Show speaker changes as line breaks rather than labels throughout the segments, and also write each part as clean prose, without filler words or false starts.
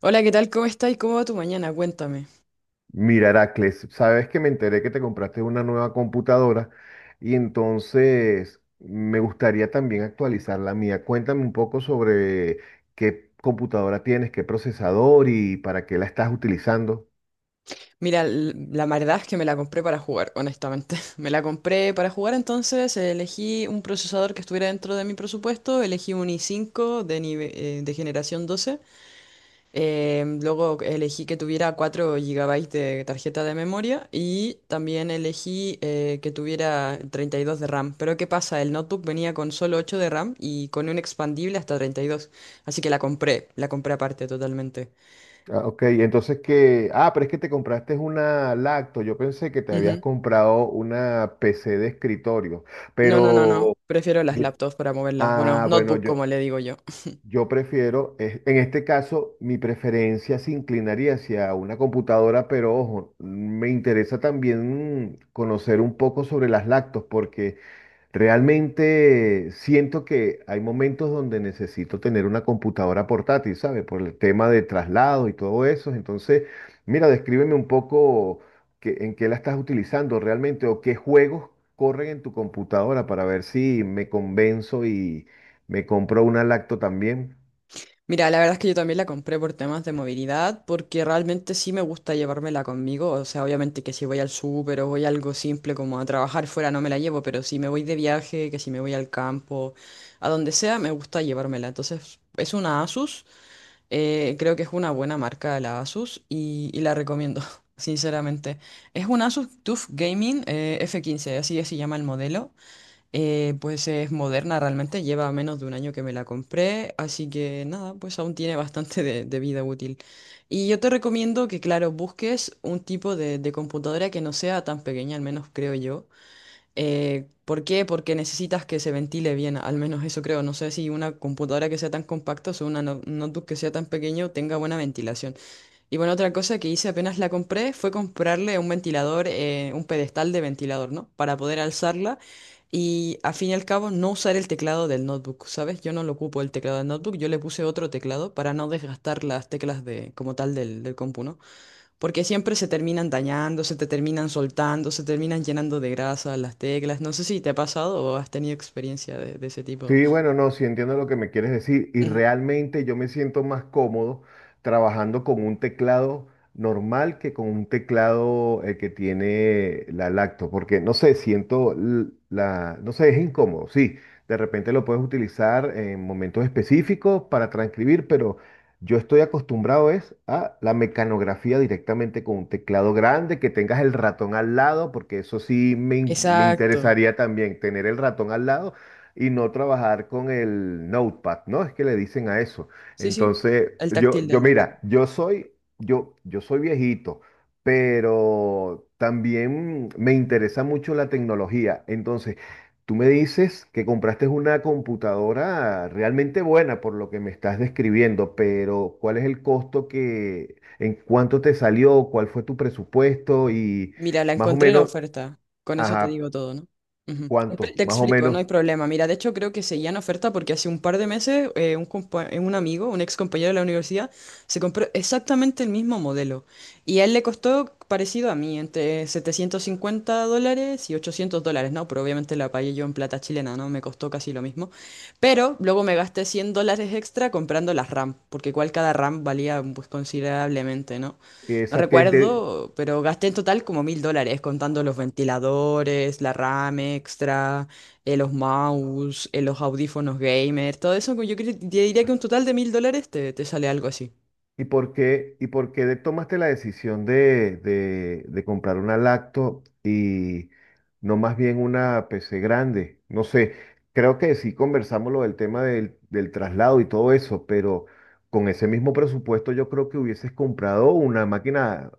Hola, ¿qué tal? ¿Cómo estás? ¿Cómo va tu mañana? Cuéntame.
Mira, Heracles, sabes que me enteré que te compraste una nueva computadora y entonces me gustaría también actualizar la mía. Cuéntame un poco sobre qué computadora tienes, qué procesador y para qué la estás utilizando.
Mira, la verdad es que me la compré para jugar, honestamente. Me la compré para jugar, entonces elegí un procesador que estuviera dentro de mi presupuesto, elegí un i5 de generación 12. Luego elegí que tuviera 4 GB de tarjeta de memoria y también elegí que tuviera 32 de RAM. Pero ¿qué pasa? El notebook venía con solo 8 de RAM y con un expandible hasta 32, así que la compré aparte totalmente.
Ah, ok, entonces que... Ah, pero es que te compraste una lacto. Yo pensé que te habías comprado una PC de escritorio,
No, no, no, no.
pero...
Prefiero las laptops para moverlas. Bueno,
Ah, bueno,
notebook
yo...
como le digo yo.
Yo prefiero, en este caso, mi preferencia se inclinaría hacia una computadora, pero ojo, me interesa también conocer un poco sobre las lactos, porque realmente siento que hay momentos donde necesito tener una computadora portátil, ¿sabes? Por el tema de traslado y todo eso. Entonces, mira, descríbeme un poco en qué la estás utilizando realmente o qué juegos corren en tu computadora para ver si me convenzo y me compro una lacto también.
Mira, la verdad es que yo también la compré por temas de movilidad, porque realmente sí me gusta llevármela conmigo. O sea, obviamente que si voy al súper o voy a algo simple como a trabajar fuera no me la llevo, pero si me voy de viaje, que si me voy al campo, a donde sea, me gusta llevármela. Entonces, es una Asus. Creo que es una buena marca la Asus y la recomiendo, sinceramente. Es una Asus TUF Gaming F15 así se llama el modelo. Pues es moderna realmente, lleva menos de un año que me la compré, así que nada, pues aún tiene bastante de vida útil. Y yo te recomiendo que, claro, busques un tipo de computadora que no sea tan pequeña, al menos creo yo. ¿Por qué? Porque necesitas que se ventile bien, al menos eso creo. No sé si una computadora que sea tan compacta o una notebook que sea tan pequeño tenga buena ventilación. Y bueno, otra cosa que hice apenas la compré fue comprarle un ventilador, un pedestal de ventilador, ¿no? Para poder alzarla y a fin y al cabo no usar el teclado del notebook, ¿sabes? Yo no lo ocupo el teclado del notebook, yo le puse otro teclado para no desgastar las teclas de, como tal del compu, ¿no? Porque siempre se terminan dañando, se te terminan soltando, se terminan llenando de grasa las teclas. No sé si te ha pasado o has tenido experiencia de ese tipo.
Sí, bueno, no, sí entiendo lo que me quieres decir y
Ujú.
realmente yo me siento más cómodo trabajando con un teclado normal que con un teclado que tiene la lacto, porque no sé, siento la, no sé, es incómodo, sí, de repente lo puedes utilizar en momentos específicos para transcribir, pero yo estoy acostumbrado es a la mecanografía directamente con un teclado grande, que tengas el ratón al lado, porque eso sí me
Exacto.
interesaría también tener el ratón al lado y no trabajar con el notepad, ¿no? Es que le dicen a eso.
Sí, sí.
Entonces,
El
yo,
táctil
yo
del.
mira, yo soy, yo soy viejito, pero también me interesa mucho la tecnología. Entonces, tú me dices que compraste una computadora realmente buena por lo que me estás describiendo, pero ¿cuál es el costo que, en cuánto te salió, cuál fue tu presupuesto y
Mira, la
más o
encontré en la
menos,
oferta. Con eso te
ajá,
digo todo, ¿no? Ujú. Te,
cuánto,
te
más o
explico, no
menos,
hay problema. Mira, de hecho creo que seguía en oferta porque hace un par de meses un amigo, un ex compañero de la universidad, se compró exactamente el mismo modelo. Y a él le costó parecido a mí, entre $750 y $800, ¿no? Pero obviamente la pagué yo en plata chilena, ¿no? Me costó casi lo mismo. Pero luego me gasté $100 extra comprando las RAM, porque igual cada RAM valía pues considerablemente, ¿no? No
esa que es de,
recuerdo, pero gasté en total como $1.000, contando los ventiladores, la RAM extra, los mouse, los audífonos gamer, todo eso. Te diría que un total de $1.000 te sale algo así.
¿y por qué, y por qué tomaste la decisión de, de comprar una lacto y no más bien una PC grande? No sé, creo que sí conversamos lo del tema del, del traslado y todo eso, pero con ese mismo presupuesto yo creo que hubieses comprado una máquina,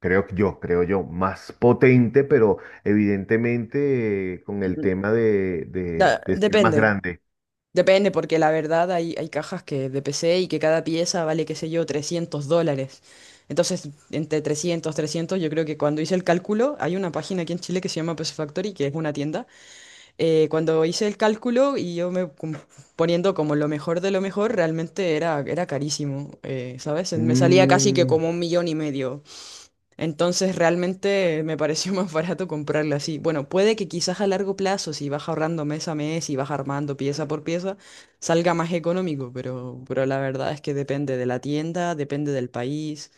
creo que yo, creo yo, más potente, pero evidentemente con el
Mm,
tema de,
da-
de ser más
depende,
grande.
depende, porque la verdad hay cajas que de PC y que cada pieza vale, qué sé yo, $300. Entonces, entre trescientos, yo creo que cuando hice el cálculo, hay una página aquí en Chile que se llama PC Factory, que es una tienda cuando hice el cálculo y yo me poniendo como lo mejor de lo mejor, realmente era carísimo, ¿sabes? Me salía casi que como un millón y medio. Entonces realmente me pareció más barato comprarlo así. Bueno, puede que quizás a largo plazo, si vas ahorrando mes a mes y vas armando pieza por pieza, salga más económico, pero la verdad es que depende de la tienda, depende del país.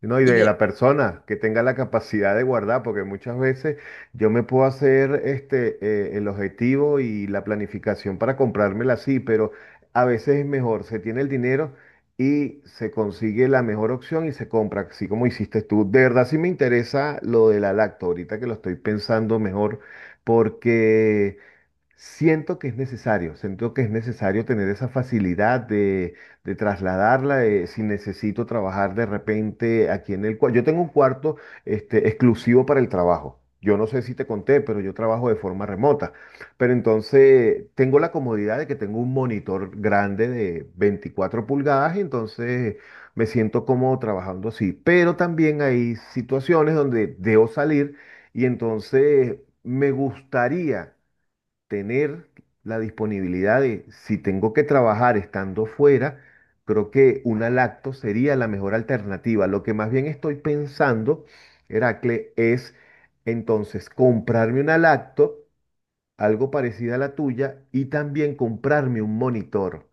No, y
Y
de
de-
la persona que tenga la capacidad de guardar, porque muchas veces yo me puedo hacer este, el objetivo y la planificación para comprármela así, pero a veces es mejor, se tiene el dinero y se consigue la mejor opción y se compra, así como hiciste tú. De verdad sí me interesa lo de la lacto, ahorita que lo estoy pensando mejor, porque... Siento que es necesario, siento que es necesario tener esa facilidad de trasladarla, de si necesito trabajar de repente aquí en el cuarto. Yo tengo un cuarto este, exclusivo para el trabajo. Yo no sé si te conté, pero yo trabajo de forma remota. Pero entonces tengo la comodidad de que tengo un monitor grande de 24 pulgadas y entonces me siento cómodo trabajando así. Pero también hay situaciones donde debo salir y entonces me gustaría tener la disponibilidad de, si tengo que trabajar estando fuera, creo que una lacto sería la mejor alternativa. Lo que más bien estoy pensando, Heracle, es entonces comprarme una lacto, algo parecida a la tuya, y también comprarme un monitor.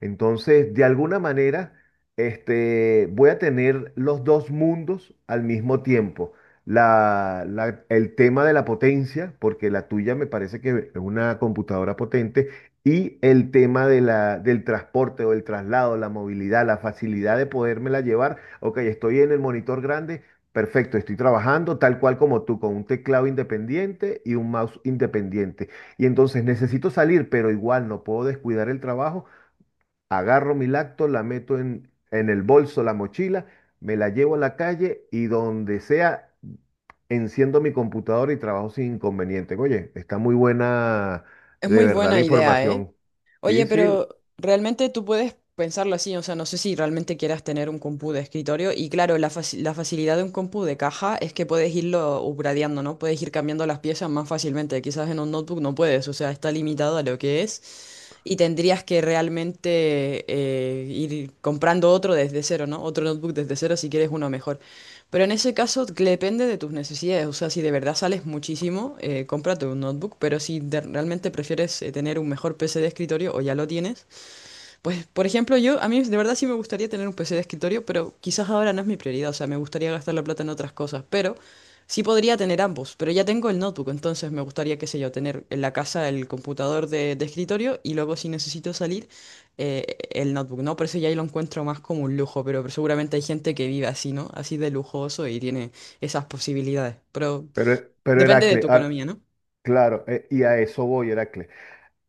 Entonces, de alguna manera, este, voy a tener los dos mundos al mismo tiempo. El tema de la potencia, porque la tuya me parece que es una computadora potente, y el tema de la, del transporte o el traslado, la movilidad, la facilidad de podérmela llevar. Ok, estoy en el monitor grande, perfecto, estoy trabajando tal cual como tú, con un teclado independiente y un mouse independiente. Y entonces necesito salir, pero igual no puedo descuidar el trabajo, agarro mi lacto, la meto en el bolso, la mochila, me la llevo a la calle y donde sea, enciendo mi computadora y trabajo sin inconveniente. Oye, está muy buena
es
de
muy
verdad
buena
la
idea, ¿eh?
información. Sí,
Oye,
sí,
pero realmente tú puedes pensarlo así, o sea, no sé si realmente quieras tener un compu de escritorio y claro, la facilidad de un compu de caja es que puedes irlo upgradeando, ¿no? Puedes ir cambiando las piezas más fácilmente, quizás en un notebook no puedes, o sea, está limitado a lo que es y tendrías que realmente ir comprando otro desde cero, ¿no? Otro notebook desde cero si quieres uno mejor. Pero en ese caso que depende de tus necesidades. O sea, si de verdad sales muchísimo, cómprate un notebook. Pero si realmente prefieres tener un mejor PC de escritorio o ya lo tienes, pues, por ejemplo, a mí de verdad sí me gustaría tener un PC de escritorio, pero quizás ahora no es mi prioridad, o sea, me gustaría gastar la plata en otras cosas, pero sí podría tener ambos, pero ya tengo el notebook, entonces me gustaría, qué sé yo, tener en la casa el computador de escritorio y luego si necesito salir, el notebook, ¿no? Por eso ya ahí lo encuentro más como un lujo, pero seguramente hay gente que vive así, ¿no? Así de lujoso y tiene esas posibilidades, pero
pero
depende de
Heracle,
tu
ah,
economía, ¿no?
claro, y a eso voy, Heracle.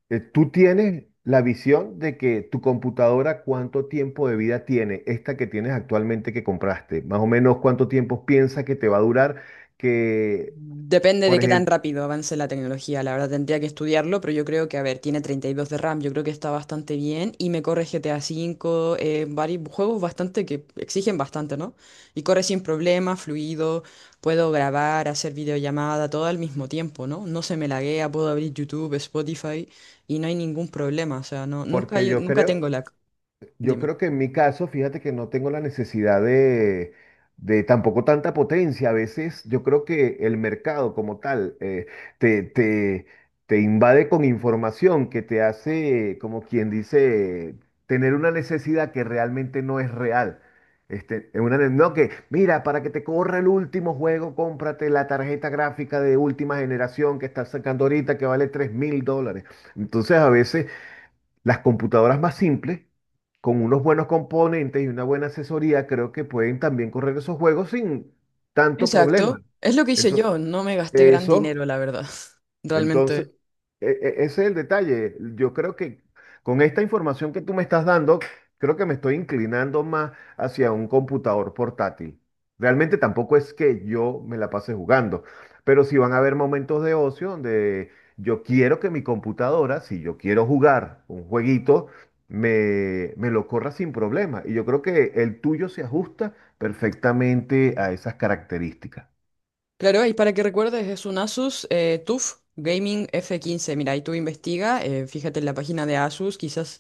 Tú tienes la visión de que tu computadora, ¿cuánto tiempo de vida tiene? Esta que tienes actualmente que compraste, más o menos cuánto tiempo piensas que te va a durar, que,
Depende de
por
qué tan
ejemplo,
rápido avance la tecnología, la verdad tendría que estudiarlo, pero yo creo que, a ver, tiene 32 de RAM, yo creo que está bastante bien y me corre GTA V, varios juegos bastante que exigen bastante, ¿no? Y corre sin problema, fluido, puedo grabar, hacer videollamada, todo al mismo tiempo, ¿no? No se me laguea, puedo abrir YouTube, Spotify y no hay ningún problema, o sea, no, nunca,
porque
nunca tengo lag,
yo
dime.
creo que en mi caso, fíjate que no tengo la necesidad de tampoco tanta potencia. A veces yo creo que el mercado como tal te, te, te invade con información que te hace, como quien dice, tener una necesidad que realmente no es real. Este, es una, no que, mira, para que te corra el último juego, cómprate la tarjeta gráfica de última generación que está sacando ahorita que vale $3000. Entonces a veces... Las computadoras más simples, con unos buenos componentes y una buena asesoría, creo que pueden también correr esos juegos sin tanto
Exacto,
problema.
es lo que hice
Entonces,
yo, no me gasté gran dinero,
eso.
la verdad,
Entonces,
realmente.
ese es el detalle. Yo creo que con esta información que tú me estás dando, creo que me estoy inclinando más hacia un computador portátil. Realmente tampoco es que yo me la pase jugando, pero sí van a haber momentos de ocio donde yo quiero que mi computadora, si yo quiero jugar un jueguito, me lo corra sin problema. Y yo creo que el tuyo se ajusta perfectamente a esas características.
Claro, y para que recuerdes, es un Asus TUF Gaming F15. Mira, y tú investiga, fíjate en la página de Asus, quizás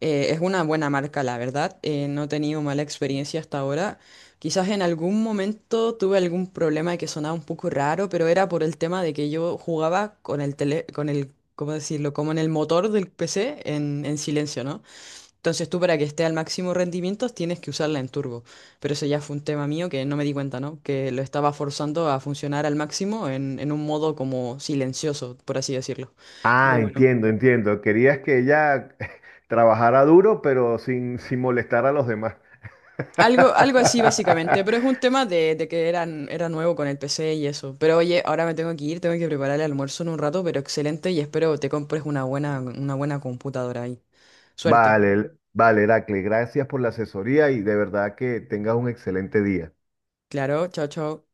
es una buena marca, la verdad. No he tenido mala experiencia hasta ahora. Quizás en algún momento tuve algún problema de que sonaba un poco raro, pero era por el tema de que yo jugaba con el tele, con el, ¿cómo decirlo? Como en el motor del PC en silencio, ¿no? Entonces tú para que esté al máximo rendimiento tienes que usarla en turbo. Pero eso ya fue un tema mío que no me di cuenta, ¿no? Que lo estaba forzando a funcionar al máximo en un modo como silencioso, por así decirlo.
Ah,
Pero bueno.
entiendo, entiendo. Querías que ella trabajara duro, pero sin, sin molestar a los demás.
Algo así básicamente, pero es un tema de que eran, era nuevo con el PC y eso. Pero oye, ahora me tengo que ir, tengo que preparar el almuerzo en un rato, pero excelente y espero te compres una buena computadora ahí. Suerte.
Vale, vale, Heracle, gracias por la asesoría y de verdad que tengas un excelente día.
Claro, chao, chao.